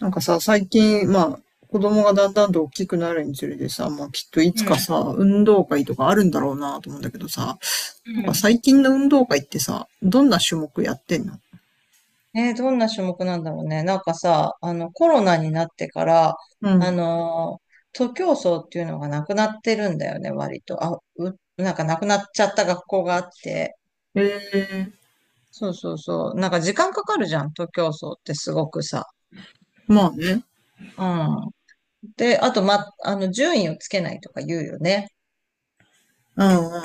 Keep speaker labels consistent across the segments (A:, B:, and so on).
A: なんかさ、最近、子供がだんだんと大きくなるにつれてさ、まあきっといつ
B: う
A: か
B: ん。
A: さ、運動会とかあるんだろうなと思うんだけどさ、
B: うん。
A: 最近の運動会ってさ、どんな種目やってんの？
B: ね、どんな種目なんだろうね。なんかさ、コロナになってから、
A: う
B: あ
A: ん。
B: のー、徒競走っていうのがなくなってるんだよね、割と。なんかなくなっちゃった学校があって。
A: ええ、
B: そうそうそう。なんか時間かかるじゃん、徒競走ってすごくさ。
A: まあね。
B: うん。で、あと、ま、あの、順位をつけないとか言うよね。
A: うんうん。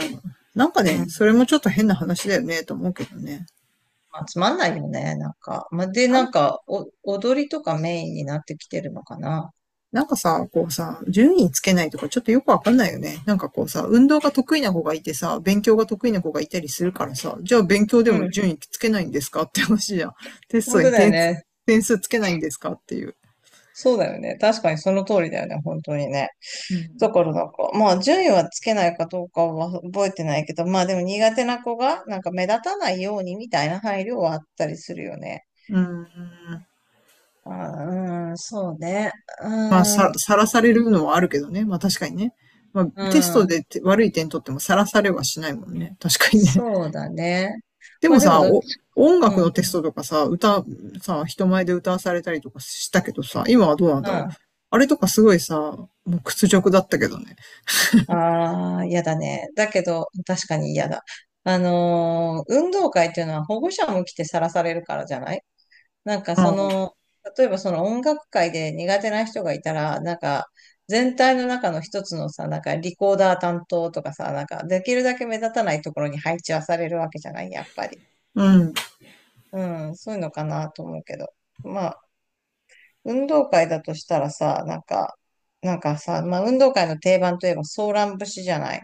A: なんか
B: う
A: ね、
B: ん。
A: それもちょっと変な話だよね、と思うけどね。
B: まあ、つまんないよね、なんか。まあ、で、なんか、踊りとかメインになってきてるのかな。
A: なんかさ、こうさ、順位つけないとかちょっとよくわかんないよね。なんかこうさ、運動が得意な子がいてさ、勉強が得意な子がいたりするからさ、じゃあ勉強で
B: う
A: も
B: ん。
A: 順位つけないんですかって話じゃん。テス
B: 本
A: ト
B: 当
A: に
B: だよ
A: 点数、
B: ね。
A: 点数つけないんですかっていう。
B: そうだよね。確かにその通りだよね。本当にね。
A: う
B: だ
A: ん。
B: からなんか、まあ順位はつけないかどうかは覚えてないけど、まあでも苦手な子がなんか目立たないようにみたいな配慮はあったりするよね。
A: うーん。
B: あー、うん、そうね。
A: まあ、
B: うん、
A: さ、さらされるのはあるけどね。まあ確かにね。まあ、
B: う
A: テスト
B: ん、
A: でて悪い点取ってもさらされはしないもんね。確かにね。
B: そうだね。
A: で
B: ま
A: も
B: あでも
A: さ、
B: どっ
A: お、
B: ち、
A: 音
B: う
A: 楽
B: ん、う
A: の
B: ん。
A: テストとかさ、歌、さ、人前で歌わされたりとかしたけどさ、今はどうなんだろう。あれとかすごいさ、もう屈辱だったけどね。
B: ああ、嫌だね。だけど、確かに嫌だ。運動会っていうのは保護者も来てさらされるからじゃない？なんか
A: う
B: そ
A: ん。
B: の、例えばその音楽界で苦手な人がいたら、なんか全体の中の一つのさ、なんかリコーダー担当とかさ、なんかできるだけ目立たないところに配置はされるわけじゃない、やっぱり。
A: うん。い
B: うん、そういうのかなと思うけど。まあ、運動会だとしたらさ、なんか、なんかさ、まあ運動会の定番といえばソーラン節じゃない？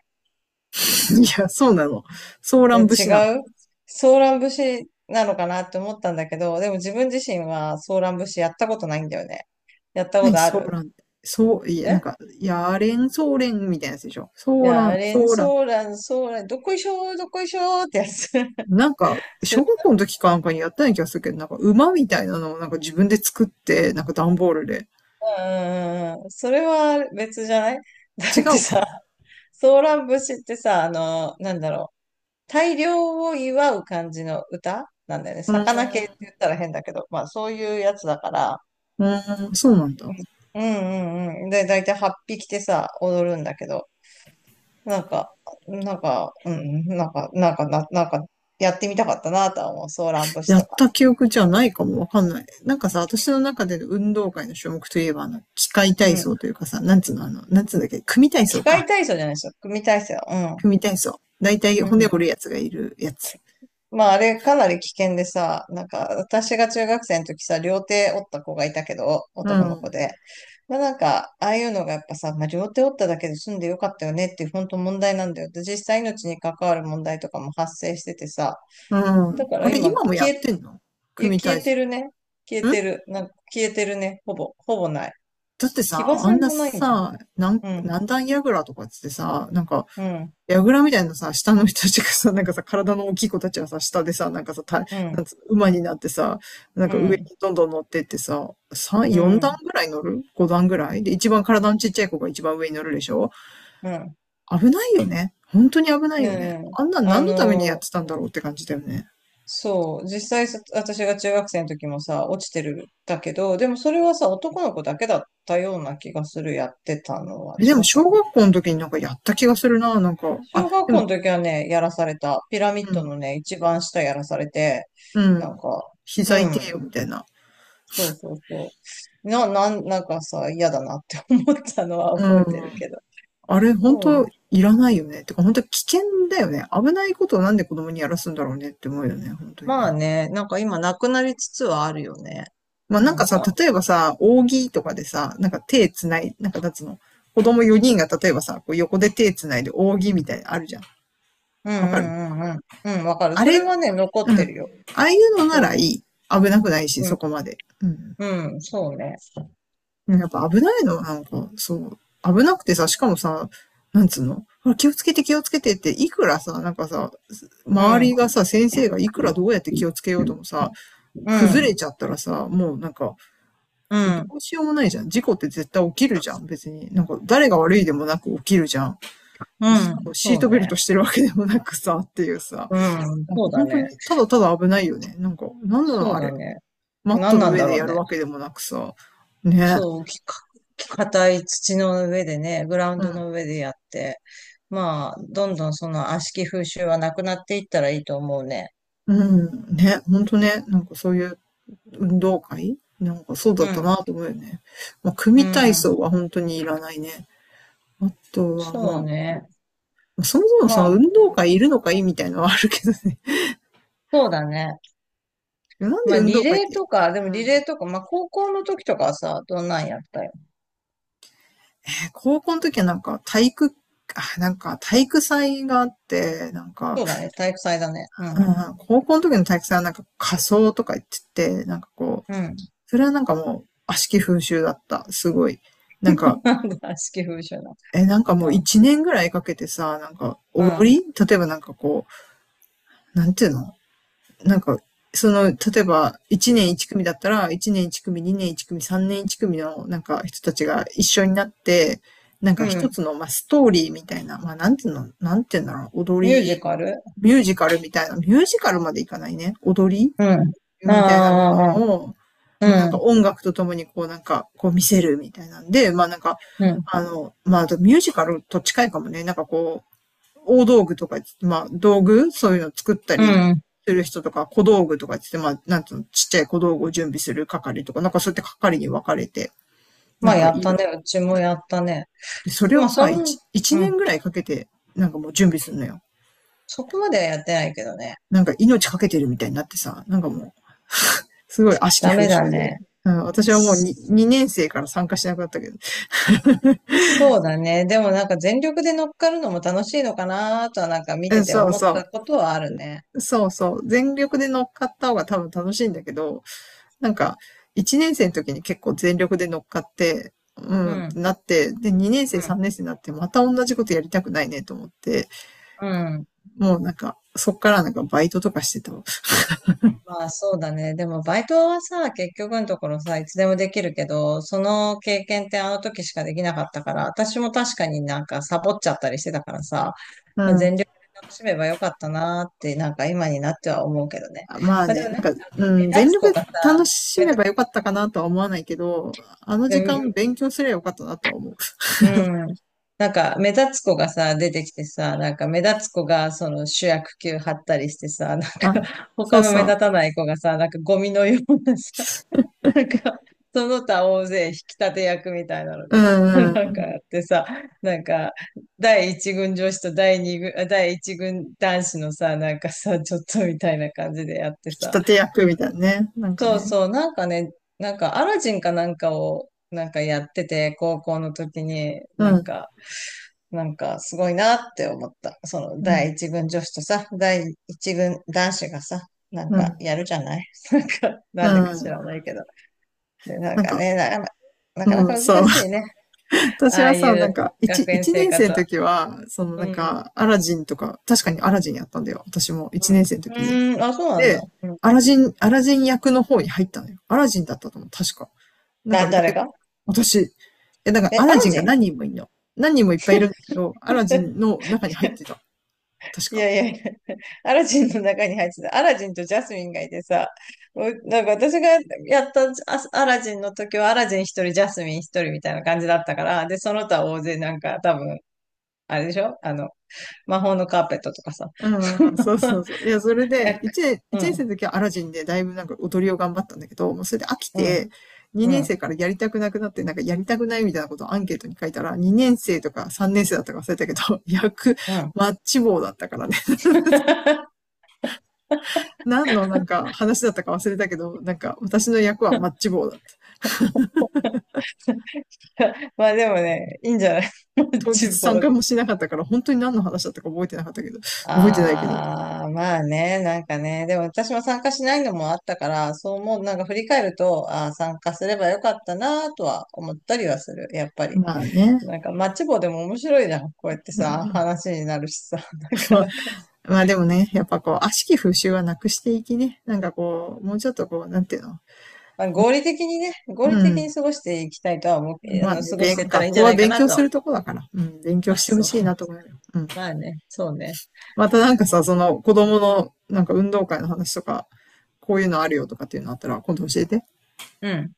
A: や、そうなの？ソーラ
B: ね、
A: ン
B: 違
A: 節なの？
B: うソーラン節なのかなって思ったんだけど、でも自分自身はソーラン節やったことないんだよね。やったこ
A: 何
B: とあ
A: ソー
B: る？
A: ランって。そう、いや、なん
B: え
A: か、やれん、ソーレンみたいなやつでしょ。
B: い
A: ソー
B: や、
A: ラン、
B: あれ、
A: ソーラン。
B: ソーラン、ソーラン、どこいしょー、どこいしょーってやつ。
A: なんか、
B: 知ら
A: 小学校の時かなんかにやったような気がするけど、なんか馬みたいなのをなんか自分で作って、なんか段ボールで。
B: ん、うん、それは別じゃない？ だ
A: 違
B: って
A: うか。
B: さ、ソーラン節ってさ、なんだろう、大漁を祝う感じの歌なんだよね。
A: う
B: 魚系って
A: ーん、
B: 言ったら変だけど、まあそういうやつだから、
A: うーん、そうなんだ。
B: うんうんうん。で、だいたい8匹てさ、踊るんだけど、なんか、うん、なんか、なんか、やってみたかったなとは思う、ソーラン節
A: や
B: と
A: っ
B: か。
A: た記憶じゃないかもわかんない。なんかさ、私の中での運動会の種目といえば、あの、機械
B: う
A: 体
B: ん。
A: 操というかさ、なんつうの、あの、なんつうんだっけ、組体
B: 機
A: 操
B: 械
A: か。
B: 体操じゃないですよ。組体操。うん。
A: 組体操。だいたい
B: う
A: 骨
B: ん。
A: 折るやつがいるやつ。
B: まあ、あれかなり危険でさ、なんか、私が中学生の時さ、両手折った子がいたけど、
A: う
B: 男の子
A: ん。
B: で。まあ、なんか、ああいうのがやっぱさ、まあ、両手折っただけで済んでよかったよねっていう本当問題なんだよ。で、実際命に関わる問題とかも発生しててさ、
A: う
B: だ
A: ん。
B: から
A: あれ、
B: 今、
A: 今もやってんの？
B: いや、
A: 組
B: 消
A: 体
B: えて
A: 操。
B: るね。消え
A: ん、
B: てる。なんか、消えてるね。ほぼない。
A: だって
B: 騎
A: さ、
B: 馬
A: あん
B: 戦
A: な
B: もないんじゃん。
A: さ、なん、
B: うん、
A: 何段やぐらとかっつってさ、なんか、
B: うん、
A: やぐみたいなさ、下の人たちがさ、なんかさ、体の大きい子たちはさ、下でさ、なんかさ、た、
B: う
A: なん
B: ん、
A: つ、馬になってさ、なん
B: う
A: か上に
B: ん、
A: どんどん乗ってってさ、3、
B: う
A: 4段
B: ん、
A: ぐらい乗る？ 5 段ぐらいで、一番体のちっちゃい子が一番上に乗るでしょ？
B: うん、
A: 危ないよね。本当に危ない
B: う
A: よね。
B: ん。
A: あんなん
B: あ
A: 何のためにやっ
B: のー
A: てたんだろうって感じだよね。
B: そう。実際さ、私が中学生の時もさ、落ちてるんだけど、でもそれはさ、男の子だけだったような気がする、やってたのは。
A: え、で
B: 違
A: も
B: った
A: 小
B: かな。
A: 学校の時になんかやった気がするな、なんか。あ、
B: 小学
A: で
B: 校
A: も、
B: の時はね、やらされた。ピラミッ
A: う
B: ド
A: ん、
B: のね、一番下やらされて、
A: う
B: なん
A: ん。
B: か、う
A: 膝痛えよ、
B: ん。
A: みたいな。
B: そうそうそう。なんかさ、嫌だなって思ったのは
A: う
B: 覚えてる
A: ん。
B: けど。
A: あれ、本
B: そう。
A: 当いらないよね。てか、本当危険だよね。危ないことをなんで子供にやらすんだろうねって思うよね、本当に
B: まあ
A: ね。
B: ね、なんか今なくなりつつはあるよね。
A: まあなん
B: な
A: か
B: ん
A: さ、
B: か。
A: 例えばさ、扇とかでさ、なんか手つない、なんかなんつうの、子供4人が例えばさ、こう横で手つないで扇みたいなのあるじゃん。
B: うん
A: わかる？
B: うんうんうん。うん、わかる。
A: あ
B: そ
A: れ、
B: れは
A: う
B: ね、残っ
A: ん。
B: て
A: あ
B: るよ。
A: あいうのな
B: そう
A: ら
B: い
A: い
B: う。
A: い。危なくないし、
B: うん
A: そこまで。うん。
B: うん、そうね。
A: うん、やっぱ危ないの、なんか、そう。危なくてさ、しかもさ、なんつうのほら気をつけて気をつけてって、いくらさ、なんかさ、
B: う
A: 周りが
B: ん、
A: さ、先生がいくらどうやって気をつけようともさ、
B: う
A: 崩れ
B: ん、
A: ちゃったらさ、もうなんか、
B: う
A: ど
B: ん、
A: うしようもないじゃん。事故って絶対起きるじゃん、別に。なんか、誰が悪いでもなく起きるじゃん。
B: う
A: しか
B: ん、
A: もシー
B: そ
A: ト
B: う
A: ベル
B: ね。
A: トしてるわけでもなくさ、っていうさ、
B: うん、
A: なん
B: そ
A: か
B: うだ
A: 本当
B: ね。
A: に、ただただ危ないよね。なんか、なんなの
B: そう
A: あ
B: だ
A: れ。
B: ね。
A: マッ
B: 何
A: トの
B: なん
A: 上
B: だ
A: で
B: ろう
A: やる
B: ね。
A: わけでもなくさ、ね。
B: そう、硬い土の上でね、グラウン
A: う
B: ド
A: ん。
B: の上でやって、まあ、どんどんその悪しき風習はなくなっていったらいいと思うね。
A: うん、ね、ほんとね、なんかそういう運動会なんかそうだ
B: う
A: った
B: ん、
A: なと思うよね。まあ、
B: う
A: 組体
B: ん、
A: 操は本当にいらないね。あとは
B: そう
A: ま
B: ね。
A: あ、そもそも
B: ま
A: その
B: あ、
A: 運動会いるのかいみたいなのはあるけどね。
B: そうだね。
A: なん
B: ま
A: で
B: あ、
A: 運
B: リ
A: 動会っ
B: レー
A: て、
B: とか、でも
A: う
B: リ
A: ん。
B: レーとか、まあ、高校の時とかはさ、どんなんやったよ？
A: えー高校の時はなんか体育、あ、なんか体育祭があって、なんか、
B: そうだね、体育祭だね。う
A: う
B: ん、
A: ん、高校の時の体育祭はなんか仮装とか言ってて、なんかこう、
B: うん。
A: それはなんかもう悪しき風習だった。すごい。なんか、
B: なんだ、悪しき風習な。
A: え、なんかもう
B: あ、
A: 一年ぐらいかけてさ、なんか
B: う
A: 踊
B: ん、
A: り例えばなんかこう、なんていうの、なんか、その、例えば一年一組だったら、一年一組、二年一組、三年一組のなんか人たちが一緒になって、なん
B: う
A: か一
B: ん。
A: つの、まあ、ストーリーみたいな、まあ、なんていうの、なんていうんだろう、踊
B: ミュージ
A: り、
B: カル
A: ミュージカルみたいな、ミュージカルまでいかないね。踊り
B: うん。
A: みたいなも
B: ああ、
A: のを、まあなん
B: う
A: か
B: ん、
A: 音楽とともにこうなんか、こう見せるみたいなんで、まあなんか、
B: うん、
A: あの、まああとミュージカルと近いかもね、なんかこう、大道具とか、まあ道具、そういうの作った
B: う
A: り
B: ん。
A: する人とか、小道具とかって言って、まあなんつうの、ちっちゃい小道具を準備する係とか、なんかそうやって係に分かれて、な
B: ま
A: ん
B: あ、
A: か
B: やっ
A: い
B: たね。
A: る。
B: うちもやったね。
A: で、それ
B: ま
A: を
B: あ、
A: さ、一、一
B: うん。
A: 年ぐらいかけて、なんかもう準備するのよ。
B: そこまではやってないけどね。
A: なんか命かけてるみたいになってさ、なんかもう、すごい悪しき
B: ダ
A: 風
B: メだ
A: 習で。
B: ね。
A: うん、私はもう
B: そ
A: 2, 2年生から参加しなくなったけど。
B: そうだね。でもなんか全力で乗っかるのも楽しいのかなとはなんか見て
A: え、
B: て
A: そう
B: 思っ
A: そ
B: たことはあるね。
A: う。そうそう。全力で乗っかった方が多分楽しいんだけど、なんか、1年生の時に結構全力で乗っかって、う
B: う
A: ん、って
B: ん、
A: なって、で、2年生、
B: うん、
A: 3年生になって、また同じことやりたくないねと思って、
B: うん。
A: もうなんか、そっからなんかバイトとかしてたわ。
B: まあそうだね。でもバイトはさ、結局のところさ、いつでもできるけど、その経験ってあの時しかできなかったから、私も確かになんかサボっちゃったりしてたからさ、
A: う
B: まあ、全
A: ん。
B: 力で楽しめばよかったなーって、なんか今になっては思うけどね。
A: まあ
B: まあで
A: ね、
B: もなん
A: な
B: か
A: んか、う
B: ね、目
A: ん、
B: 立
A: 全
B: つ
A: 力
B: 子
A: で
B: がさ、
A: 楽し
B: 目
A: め
B: 立
A: ばよ
B: つ、
A: かったかなとは思わないけど、あの
B: で
A: 時間
B: も
A: 勉強すればよかったなとは思う。
B: うん。なんか目立つ子がさ、出てきてさ、なんか目立つ子がその主役級張ったりしてさ、なんか
A: あ、そ
B: 他
A: う
B: の
A: そ
B: 目
A: う。
B: 立たない子がさ、なんかゴミのようなさなんか、その他大勢引き立て役みたいなの
A: う
B: です。
A: ん
B: な
A: う
B: んか
A: ん。
B: やってさ、なんか、第一軍女子と第一軍男子のさ、なんかさ、ちょっとみたいな感じでやって
A: 引き
B: さ。
A: 立て役みたいなね。なんか
B: そう
A: ね。
B: そう、なんかね、なんかアラジンかなんかを、なんかやってて、高校の時に、
A: う
B: なん
A: ん。
B: か、なんかすごいなって思った。その
A: う
B: 第
A: ん。
B: 一軍女子とさ、第一軍男子がさ、なん
A: う
B: か
A: ん。
B: やるじゃない？ なんか、
A: う
B: なんでか知
A: ん。
B: らないけど。で、なん
A: なん
B: か
A: か、
B: ね、なかな
A: う
B: か
A: ん、そう。
B: 難しいね。
A: 私
B: ああ
A: は
B: い
A: さ、な
B: う
A: んか、一、
B: 学園
A: 一
B: 生
A: 年生
B: 活
A: の
B: は。
A: 時は、その
B: う
A: なん
B: ん。
A: か、アラジンとか、確かにアラジンやったんだよ。私も一年生の
B: う
A: 時に。
B: ーん、あ、そうなんだ。
A: で、
B: うん。
A: アラジン、アラジン役の方に入ったのよ。アラジンだったと思う、確か。だからだ
B: 誰
A: い、
B: が
A: 私、え、だからア
B: ア
A: ラ
B: ラ
A: ジン
B: ジ
A: が
B: ン？
A: 何人もいるの。何人もいっぱいいるんだけど、アラジンの中に入ってた。確
B: い
A: か。
B: やいやいや、アラジンの中に入ってた。アラジンとジャスミンがいてさ、なんか私がやったアラジンの時はアラジン一人、ジャスミン一人みたいな感じだったから、で、その他大勢なんか多分、あれでしょ魔法のカーペットとかさ。
A: う んうん、そうそうそう。い
B: い
A: や、それで、1年、
B: う
A: 一年生
B: ん、
A: の時はアラジンでだいぶなんか踊りを頑張ったんだけど、もうそれで飽き
B: うん、
A: て、
B: う
A: 2年
B: ん、
A: 生からやりたくなくなって、なんかやりたくないみたいなことをアンケートに書いたら、2年生とか3年生だったか忘れたけど、役、
B: うん。
A: マッチ棒だったからね。何のなんか話だったか忘れたけど、なんか私の役はマッチ棒だった。
B: まあでもね、いいんじゃない？
A: 当日
B: 厨
A: 参
B: 房
A: 加
B: で。
A: もしなかったから、本当に何の話だったか覚えてなかったけど、覚えてないけど。
B: ああ、まあね、なんかね、でも私も参加しないのもあったから、そう思う、なんか振り返ると、ああ、参加すればよかったなとは思ったりはする、やっぱり。
A: まあね。
B: なんかマッチ棒でも面白いじゃん。こうやって
A: う
B: さ、
A: ん、
B: 話になるしさ、なか
A: ま、
B: なか。
A: まあでもね、やっぱこう、悪しき風習はなくしていきね。なんかこう、もうちょっとこう、なんていうの。
B: まあ、合理的にね、合理
A: う
B: 的
A: ん。
B: に過ごしていきたいとは思う、
A: まあね、
B: 過ごし
A: べ
B: てい
A: ん、
B: った
A: 学
B: らいいんじ
A: 校
B: ゃな
A: は
B: いか
A: 勉
B: な
A: 強す
B: と。
A: るとこだから、うん、勉強
B: あ、
A: してほ
B: そう。
A: しいな と思うよ。うん。
B: まあね、そうね。
A: またなんかさ、その子供のなんか運動会の話とか、こういうのあるよとかっていうのあったら、今度教えて。
B: うん。